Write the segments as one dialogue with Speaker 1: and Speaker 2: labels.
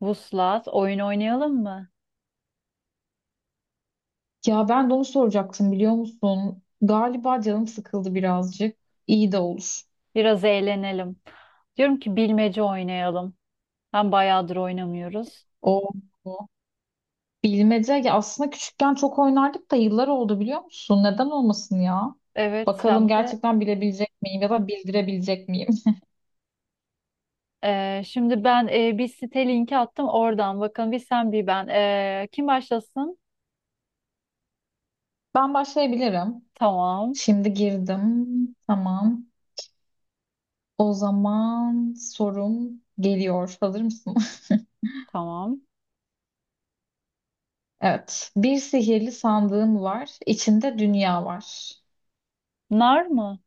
Speaker 1: Vuslat, oyun oynayalım mı?
Speaker 2: Ya ben de onu soracaktım biliyor musun? Galiba canım sıkıldı birazcık. İyi de olur.
Speaker 1: Biraz eğlenelim. Diyorum ki bilmece oynayalım. Hem bayağıdır oynamıyoruz.
Speaker 2: O bu. Bilmece ya aslında küçükken çok oynardık da yıllar oldu biliyor musun? Neden olmasın ya?
Speaker 1: Evet
Speaker 2: Bakalım
Speaker 1: hem de
Speaker 2: gerçekten bilebilecek miyim ya da bildirebilecek miyim?
Speaker 1: şimdi ben bir site linki attım oradan. Bakın bir sen bir ben. Kim başlasın?
Speaker 2: Ben başlayabilirim.
Speaker 1: Tamam,
Speaker 2: Şimdi girdim. Tamam. O zaman sorum geliyor. Hazır mısın?
Speaker 1: tamam.
Speaker 2: Evet. Bir sihirli sandığım var. İçinde dünya var.
Speaker 1: Nar mı?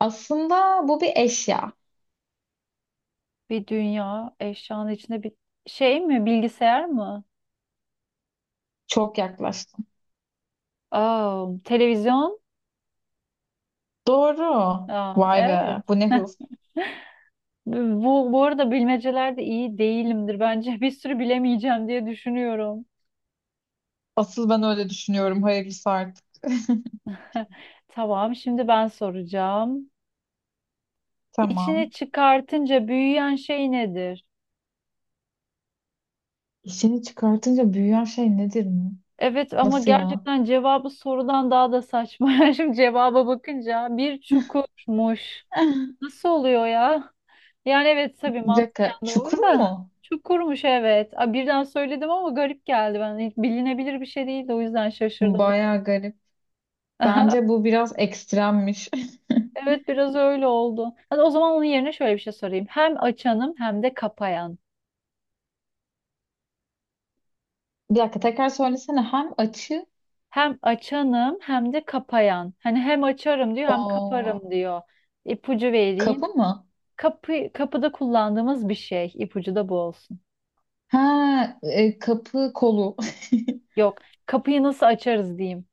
Speaker 2: Aslında bu bir eşya.
Speaker 1: Bir dünya eşyanın içinde bir şey mi? Bilgisayar mı?
Speaker 2: Çok yaklaştın.
Speaker 1: Aa, televizyon?
Speaker 2: Doğru.
Speaker 1: Aa,
Speaker 2: Vay
Speaker 1: evet.
Speaker 2: be. Bu ne hız.
Speaker 1: Bu arada bilmecelerde iyi değilimdir. Bence bir sürü bilemeyeceğim diye düşünüyorum.
Speaker 2: Asıl ben öyle düşünüyorum. Hayırlısı artık.
Speaker 1: Tamam, şimdi ben soracağım. İçini
Speaker 2: Tamam.
Speaker 1: çıkartınca büyüyen şey nedir?
Speaker 2: İşini çıkartınca büyüyen şey nedir mi?
Speaker 1: Evet ama
Speaker 2: Nasıl ya?
Speaker 1: gerçekten cevabı sorudan daha da saçma. Şimdi cevaba bakınca bir çukurmuş. Nasıl oluyor ya? Yani evet tabii
Speaker 2: Bir
Speaker 1: mantıken
Speaker 2: dakika. Çukur
Speaker 1: doğru da
Speaker 2: mu?
Speaker 1: çukurmuş evet. Aa, birden söyledim ama garip geldi ben. Hiç bilinebilir bir şey değildi, o yüzden şaşırdım.
Speaker 2: Baya garip.
Speaker 1: Aha,
Speaker 2: Bence bu biraz ekstremmiş.
Speaker 1: evet biraz öyle oldu. Hadi o zaman onun yerine şöyle bir şey sorayım. Hem açanım hem de kapayan.
Speaker 2: Bir dakika tekrar söylesene. Hem açı
Speaker 1: Hem açanım hem de kapayan. Hani hem açarım diyor hem
Speaker 2: o
Speaker 1: kaparım diyor. İpucu vereyim.
Speaker 2: Kapı mı?
Speaker 1: Kapı, kapıda kullandığımız bir şey. İpucu da bu olsun.
Speaker 2: Ha, kapı kolu.
Speaker 1: Yok. Kapıyı nasıl açarız diyeyim.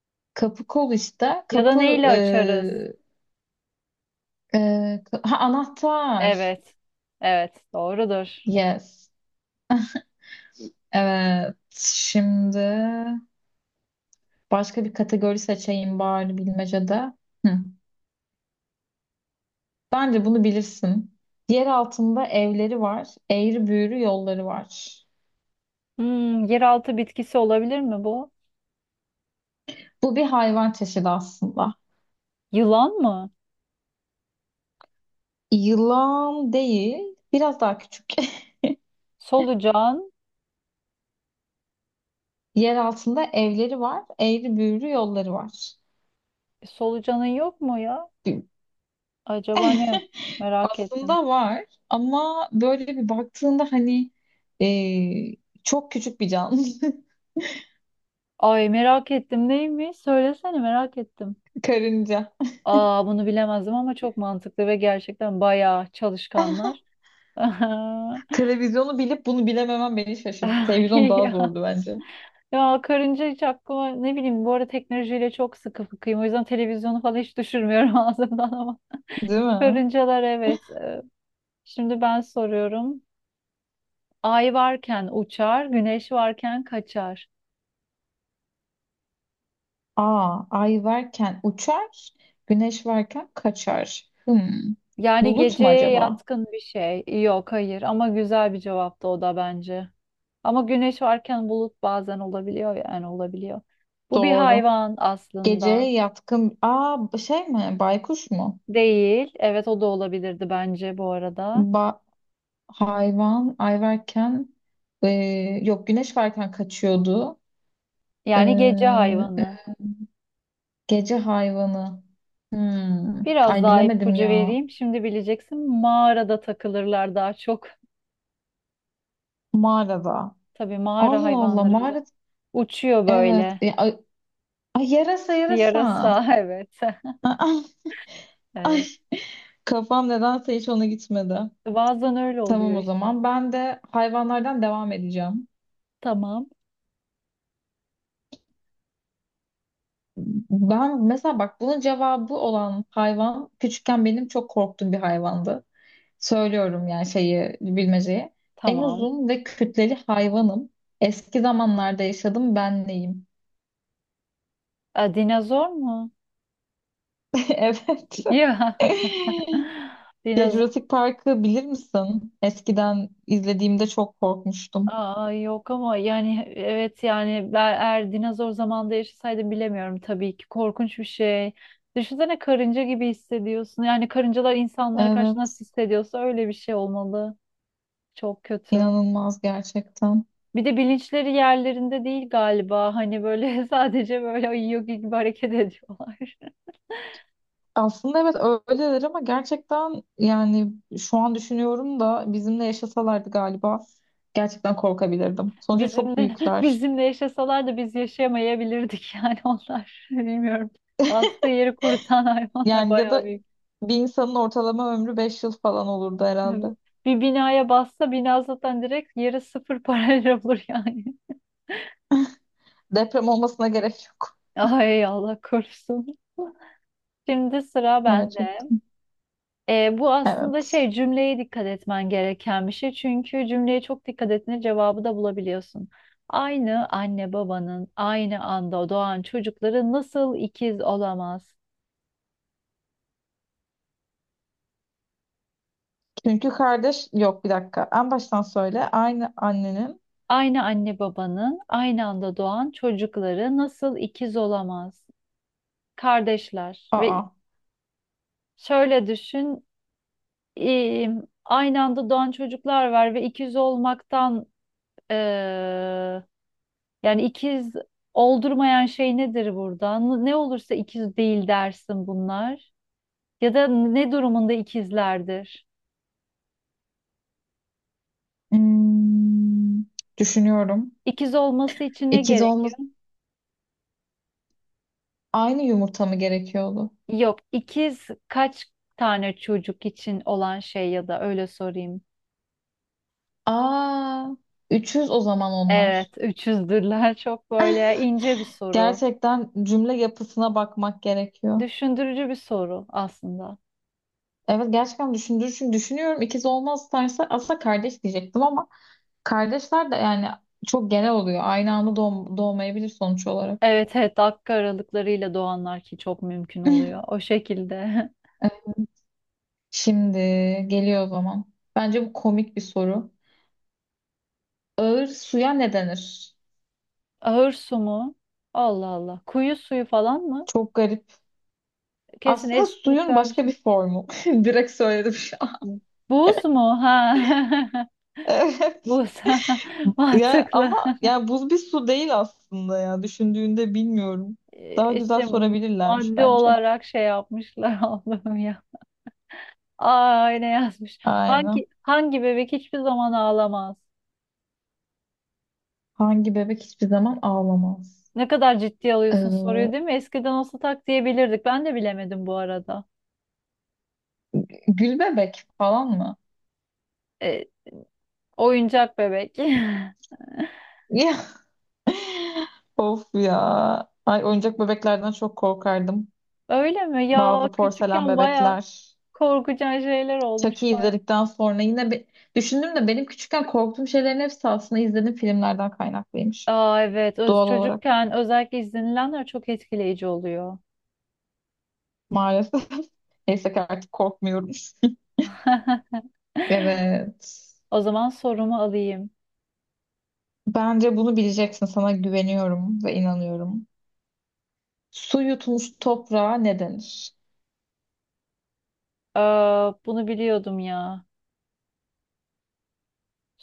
Speaker 2: Kapı kol işte.
Speaker 1: Ya da
Speaker 2: Kapı
Speaker 1: neyle
Speaker 2: e,
Speaker 1: açarız?
Speaker 2: e, anahtar.
Speaker 1: Evet. Evet. Doğrudur.
Speaker 2: Yes. Evet, şimdi başka bir kategori seçeyim bari bilmecede. Hı. Bence bunu bilirsin. Yer altında evleri var, eğri büğrü yolları var.
Speaker 1: Hmm, yeraltı bitkisi olabilir mi bu?
Speaker 2: Bu bir hayvan çeşidi aslında.
Speaker 1: Yılan mı?
Speaker 2: Yılan değil, biraz daha küçük.
Speaker 1: Solucan.
Speaker 2: Yer altında evleri var, eğri büğrü yolları var.
Speaker 1: Solucanın yok mu ya?
Speaker 2: Bir-
Speaker 1: Acaba ne? Merak ettim.
Speaker 2: Aslında var ama böyle bir baktığında hani e, çok küçük bir canlı.
Speaker 1: Ay merak ettim neymiş? Söylesene merak ettim.
Speaker 2: Karınca.
Speaker 1: Aa bunu bilemezdim ama çok mantıklı ve gerçekten bayağı çalışkanlar.
Speaker 2: Televizyonu bilip bunu bilememem beni şaşırttı.
Speaker 1: Ay
Speaker 2: Televizyon daha
Speaker 1: ya.
Speaker 2: zordu bence.
Speaker 1: Ya karınca hiç aklıma, ne bileyim, bu arada teknolojiyle çok sıkı fıkıyım. O yüzden televizyonu falan hiç düşürmüyorum ağzımdan ama.
Speaker 2: Değil mi?
Speaker 1: Karıncalar evet. Şimdi ben soruyorum. Ay varken uçar, güneş varken kaçar.
Speaker 2: Aa, ay varken uçar, güneş varken kaçar. Hmm.
Speaker 1: Yani
Speaker 2: Bulut mu
Speaker 1: geceye
Speaker 2: acaba?
Speaker 1: yatkın bir şey. Yok hayır ama güzel bir cevaptı o da bence. Ama güneş varken bulut bazen olabiliyor, yani olabiliyor. Bu bir
Speaker 2: Doğru.
Speaker 1: hayvan aslında
Speaker 2: Geceye yatkın. Aa, şey mi? Baykuş mu?
Speaker 1: değil. Evet o da olabilirdi bence bu arada.
Speaker 2: Ba hayvan ay varken e, yok, güneş varken kaçıyordu. E,
Speaker 1: Yani gece
Speaker 2: e,
Speaker 1: hayvanı.
Speaker 2: Gece hayvanı. Hmm.
Speaker 1: Biraz
Speaker 2: Ay
Speaker 1: daha
Speaker 2: bilemedim
Speaker 1: ipucu
Speaker 2: ya.
Speaker 1: vereyim. Şimdi bileceksin, mağarada takılırlar daha çok.
Speaker 2: Mağarada.
Speaker 1: Tabii mağara
Speaker 2: Allah Allah
Speaker 1: hayvanları özel.
Speaker 2: mağarada.
Speaker 1: Uçuyor
Speaker 2: Evet.
Speaker 1: böyle.
Speaker 2: Ya, ay yarasa yarasa.
Speaker 1: Yarasa evet.
Speaker 2: Aa, ay
Speaker 1: Evet.
Speaker 2: kafam nedense hiç ona gitmedi.
Speaker 1: Bazen öyle oluyor
Speaker 2: Tamam o
Speaker 1: işte.
Speaker 2: zaman ben de hayvanlardan devam edeceğim.
Speaker 1: Tamam.
Speaker 2: Ben mesela bak bunun cevabı olan hayvan küçükken benim çok korktuğum bir hayvandı. Söylüyorum yani şeyi bilmeceyi. En
Speaker 1: Tamam.
Speaker 2: uzun ve kütleli hayvanım. Eski zamanlarda yaşadım ben neyim?
Speaker 1: A, dinozor mu?
Speaker 2: Evet.
Speaker 1: Ya.
Speaker 2: Ya
Speaker 1: Dinozor
Speaker 2: Jurassic Park'ı bilir misin? Eskiden izlediğimde çok korkmuştum.
Speaker 1: aa, yok ama yani evet, yani ben eğer dinozor zamanında yaşasaydım bilemiyorum, tabii ki korkunç bir şey. Düşünsene, karınca gibi hissediyorsun. Yani karıncalar insanlara karşı
Speaker 2: Evet.
Speaker 1: nasıl hissediyorsa öyle bir şey olmalı. Çok kötü.
Speaker 2: İnanılmaz gerçekten.
Speaker 1: Bir de bilinçleri yerlerinde değil galiba. Hani böyle sadece böyle uyuyor gibi hareket ediyorlar.
Speaker 2: Aslında evet öyledir ama gerçekten yani şu an düşünüyorum da bizimle yaşasalardı galiba gerçekten korkabilirdim. Sonuçta çok
Speaker 1: Bizimle
Speaker 2: büyükler.
Speaker 1: bizimle yaşasalar da biz yaşayamayabilirdik, yani onlar. Bilmiyorum. Bastığı yeri kurutan hayvanlar
Speaker 2: Yani ya
Speaker 1: bayağı
Speaker 2: da
Speaker 1: büyük.
Speaker 2: bir insanın ortalama ömrü 5 yıl falan olurdu
Speaker 1: Evet.
Speaker 2: herhalde.
Speaker 1: Bir binaya bassa bina zaten direkt yeri sıfır parayla olur yani.
Speaker 2: Deprem olmasına gerek yok.
Speaker 1: Ay Allah korusun. Şimdi sıra bende.
Speaker 2: Gerçekten.
Speaker 1: Bu aslında
Speaker 2: Evet.
Speaker 1: şey, cümleye dikkat etmen gereken bir şey. Çünkü cümleye çok dikkat ettiğinde cevabı da bulabiliyorsun. Aynı anne babanın aynı anda doğan çocukları nasıl ikiz olamaz?
Speaker 2: Çünkü kardeş yok bir dakika. En baştan söyle. Aynı annenin.
Speaker 1: Aynı anne babanın aynı anda doğan çocukları nasıl ikiz olamaz? Kardeşler ve
Speaker 2: Aa.
Speaker 1: şöyle düşün, e, aynı anda doğan çocuklar var ve ikiz olmaktan, e, yani ikiz oldurmayan şey nedir burada? Ne olursa ikiz değil dersin bunlar. Ya da ne durumunda ikizlerdir?
Speaker 2: Hmm, düşünüyorum.
Speaker 1: İkiz olması için ne
Speaker 2: İkiz
Speaker 1: gerekiyor?
Speaker 2: olması aynı yumurta mı gerekiyordu?
Speaker 1: Yok, ikiz kaç tane çocuk için olan şey, ya da öyle sorayım.
Speaker 2: Aa, 300 o zaman
Speaker 1: Evet,
Speaker 2: onlar.
Speaker 1: üçüzdürler. Çok böyle ince bir soru.
Speaker 2: Gerçekten cümle yapısına bakmak gerekiyor.
Speaker 1: Düşündürücü bir soru aslında.
Speaker 2: Evet gerçekten düşündüğü için düşünüyorum. İkiz olmaz derse aslında kardeş diyecektim ama kardeşler de yani çok genel oluyor. Aynı anda doğmayabilir sonuç olarak.
Speaker 1: Evet evet, dakika aralıklarıyla doğanlar, ki çok mümkün oluyor. O şekilde.
Speaker 2: Evet, şimdi geliyor o zaman. Bence bu komik bir soru. Ağır suya ne denir?
Speaker 1: Ahır su mu? Allah Allah. Kuyu suyu falan mı?
Speaker 2: Çok garip.
Speaker 1: Kesin
Speaker 2: Aslında suyun
Speaker 1: espiritüel bir
Speaker 2: başka
Speaker 1: şey.
Speaker 2: bir formu. Direkt söyledim şu an.
Speaker 1: Buz mu? Ha. Buz.
Speaker 2: Ya
Speaker 1: Mantıklı.
Speaker 2: ama yani buz bir su değil aslında ya düşündüğünde bilmiyorum. Daha güzel
Speaker 1: İşte
Speaker 2: sorabilirlermiş
Speaker 1: madde
Speaker 2: bence.
Speaker 1: olarak şey yapmışlar Allah'ım ya. Aa ne yazmış.
Speaker 2: Aynen.
Speaker 1: Hangi bebek hiçbir zaman ağlamaz?
Speaker 2: Hangi bebek hiçbir zaman ağlamaz?
Speaker 1: Ne kadar ciddi alıyorsun soruyu
Speaker 2: Ee,
Speaker 1: değil mi? Eskiden olsa tak diyebilirdik. Ben de bilemedim bu arada.
Speaker 2: Gül bebek falan mı?
Speaker 1: E, Oyuncak bebek.
Speaker 2: Ya of ya. Ay oyuncak bebeklerden çok korkardım.
Speaker 1: Öyle mi? Ya
Speaker 2: Bazı porselen
Speaker 1: küçükken baya
Speaker 2: bebekler.
Speaker 1: korkucan şeyler
Speaker 2: Chucky
Speaker 1: olmuş baya.
Speaker 2: izledikten sonra yine bir düşündüm de benim küçükken korktuğum şeylerin hepsi aslında izlediğim filmlerden kaynaklıymış.
Speaker 1: Aa evet, öz
Speaker 2: Doğal olarak
Speaker 1: çocukken özellikle izlenilenler çok etkileyici oluyor.
Speaker 2: maalesef. Neyse ki artık korkmuyorum. Evet.
Speaker 1: O zaman sorumu alayım.
Speaker 2: Bence bunu bileceksin. Sana güveniyorum ve inanıyorum. Su yutmuş toprağa ne denir?
Speaker 1: Ee, Bunu biliyordum ya.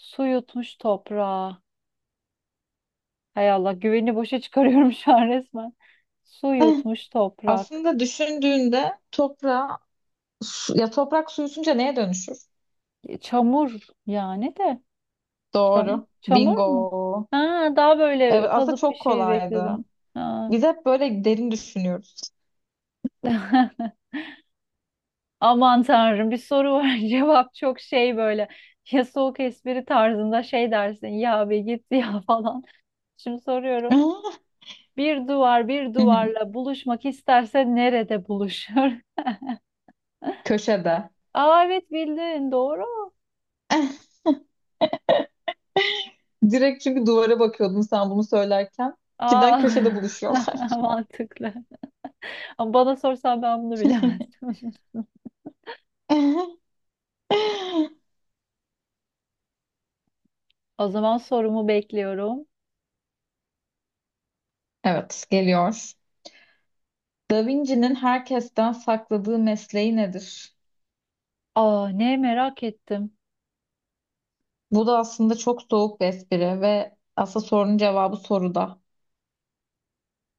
Speaker 1: Su yutmuş toprağa. Hay Allah, güveni boşa çıkarıyorum şu an resmen. Su yutmuş toprak.
Speaker 2: Aslında düşündüğünde toprağa ya toprak su yutunca neye dönüşür?
Speaker 1: Çamur yani de. Çam
Speaker 2: Doğru.
Speaker 1: çamur mu?
Speaker 2: Bingo.
Speaker 1: Ha, daha
Speaker 2: Evet
Speaker 1: böyle
Speaker 2: aslında
Speaker 1: kalıp bir
Speaker 2: çok
Speaker 1: şey
Speaker 2: kolaydı.
Speaker 1: bekledim. Ha,
Speaker 2: Biz hep böyle derin düşünüyoruz.
Speaker 1: aman tanrım bir soru var cevap çok şey böyle, ya soğuk espri tarzında şey dersin ya, be git ya falan. Şimdi
Speaker 2: Hı
Speaker 1: soruyorum, bir duvar bir
Speaker 2: hı.
Speaker 1: duvarla buluşmak isterse nerede buluşur?
Speaker 2: Köşede.
Speaker 1: Aa evet bildin, doğru.
Speaker 2: Direkt çünkü duvara bakıyordum sen bunu söylerken.
Speaker 1: Aa
Speaker 2: Cidden köşede buluşuyorlar.
Speaker 1: mantıklı. Ama bana sorsan ben bunu bilemezdim. O zaman sorumu bekliyorum.
Speaker 2: Evet geliyor. Da Vinci'nin herkesten sakladığı mesleği nedir?
Speaker 1: Aa ne merak ettim.
Speaker 2: Bu da aslında çok soğuk bir espri ve aslında sorunun cevabı soruda.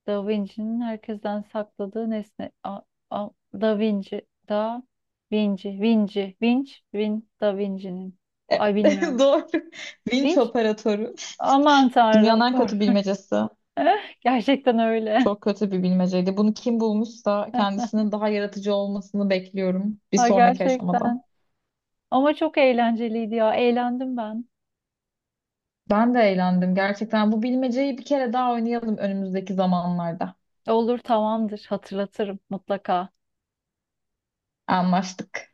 Speaker 1: Da Vinci'nin herkesten sakladığı nesne. A, a, Da Vinci, Da Vinci, Vinci, Vinci, Vin, Da Vinci'nin.
Speaker 2: E,
Speaker 1: Ay bilmiyorum.
Speaker 2: Doğru. Vinç
Speaker 1: Vinci?
Speaker 2: operatörü.
Speaker 1: Aman tanrım
Speaker 2: Dünyanın en
Speaker 1: kork.
Speaker 2: kötü bilmecesi.
Speaker 1: Gerçekten öyle.
Speaker 2: Çok kötü bir bilmeceydi. Bunu kim bulmuşsa kendisinin daha yaratıcı olmasını bekliyorum bir
Speaker 1: Ha
Speaker 2: sonraki aşamada.
Speaker 1: gerçekten. Ama çok eğlenceliydi ya. Eğlendim ben.
Speaker 2: Ben de eğlendim gerçekten. Bu bilmeceyi bir kere daha oynayalım önümüzdeki zamanlarda.
Speaker 1: Olur tamamdır. Hatırlatırım mutlaka.
Speaker 2: Anlaştık.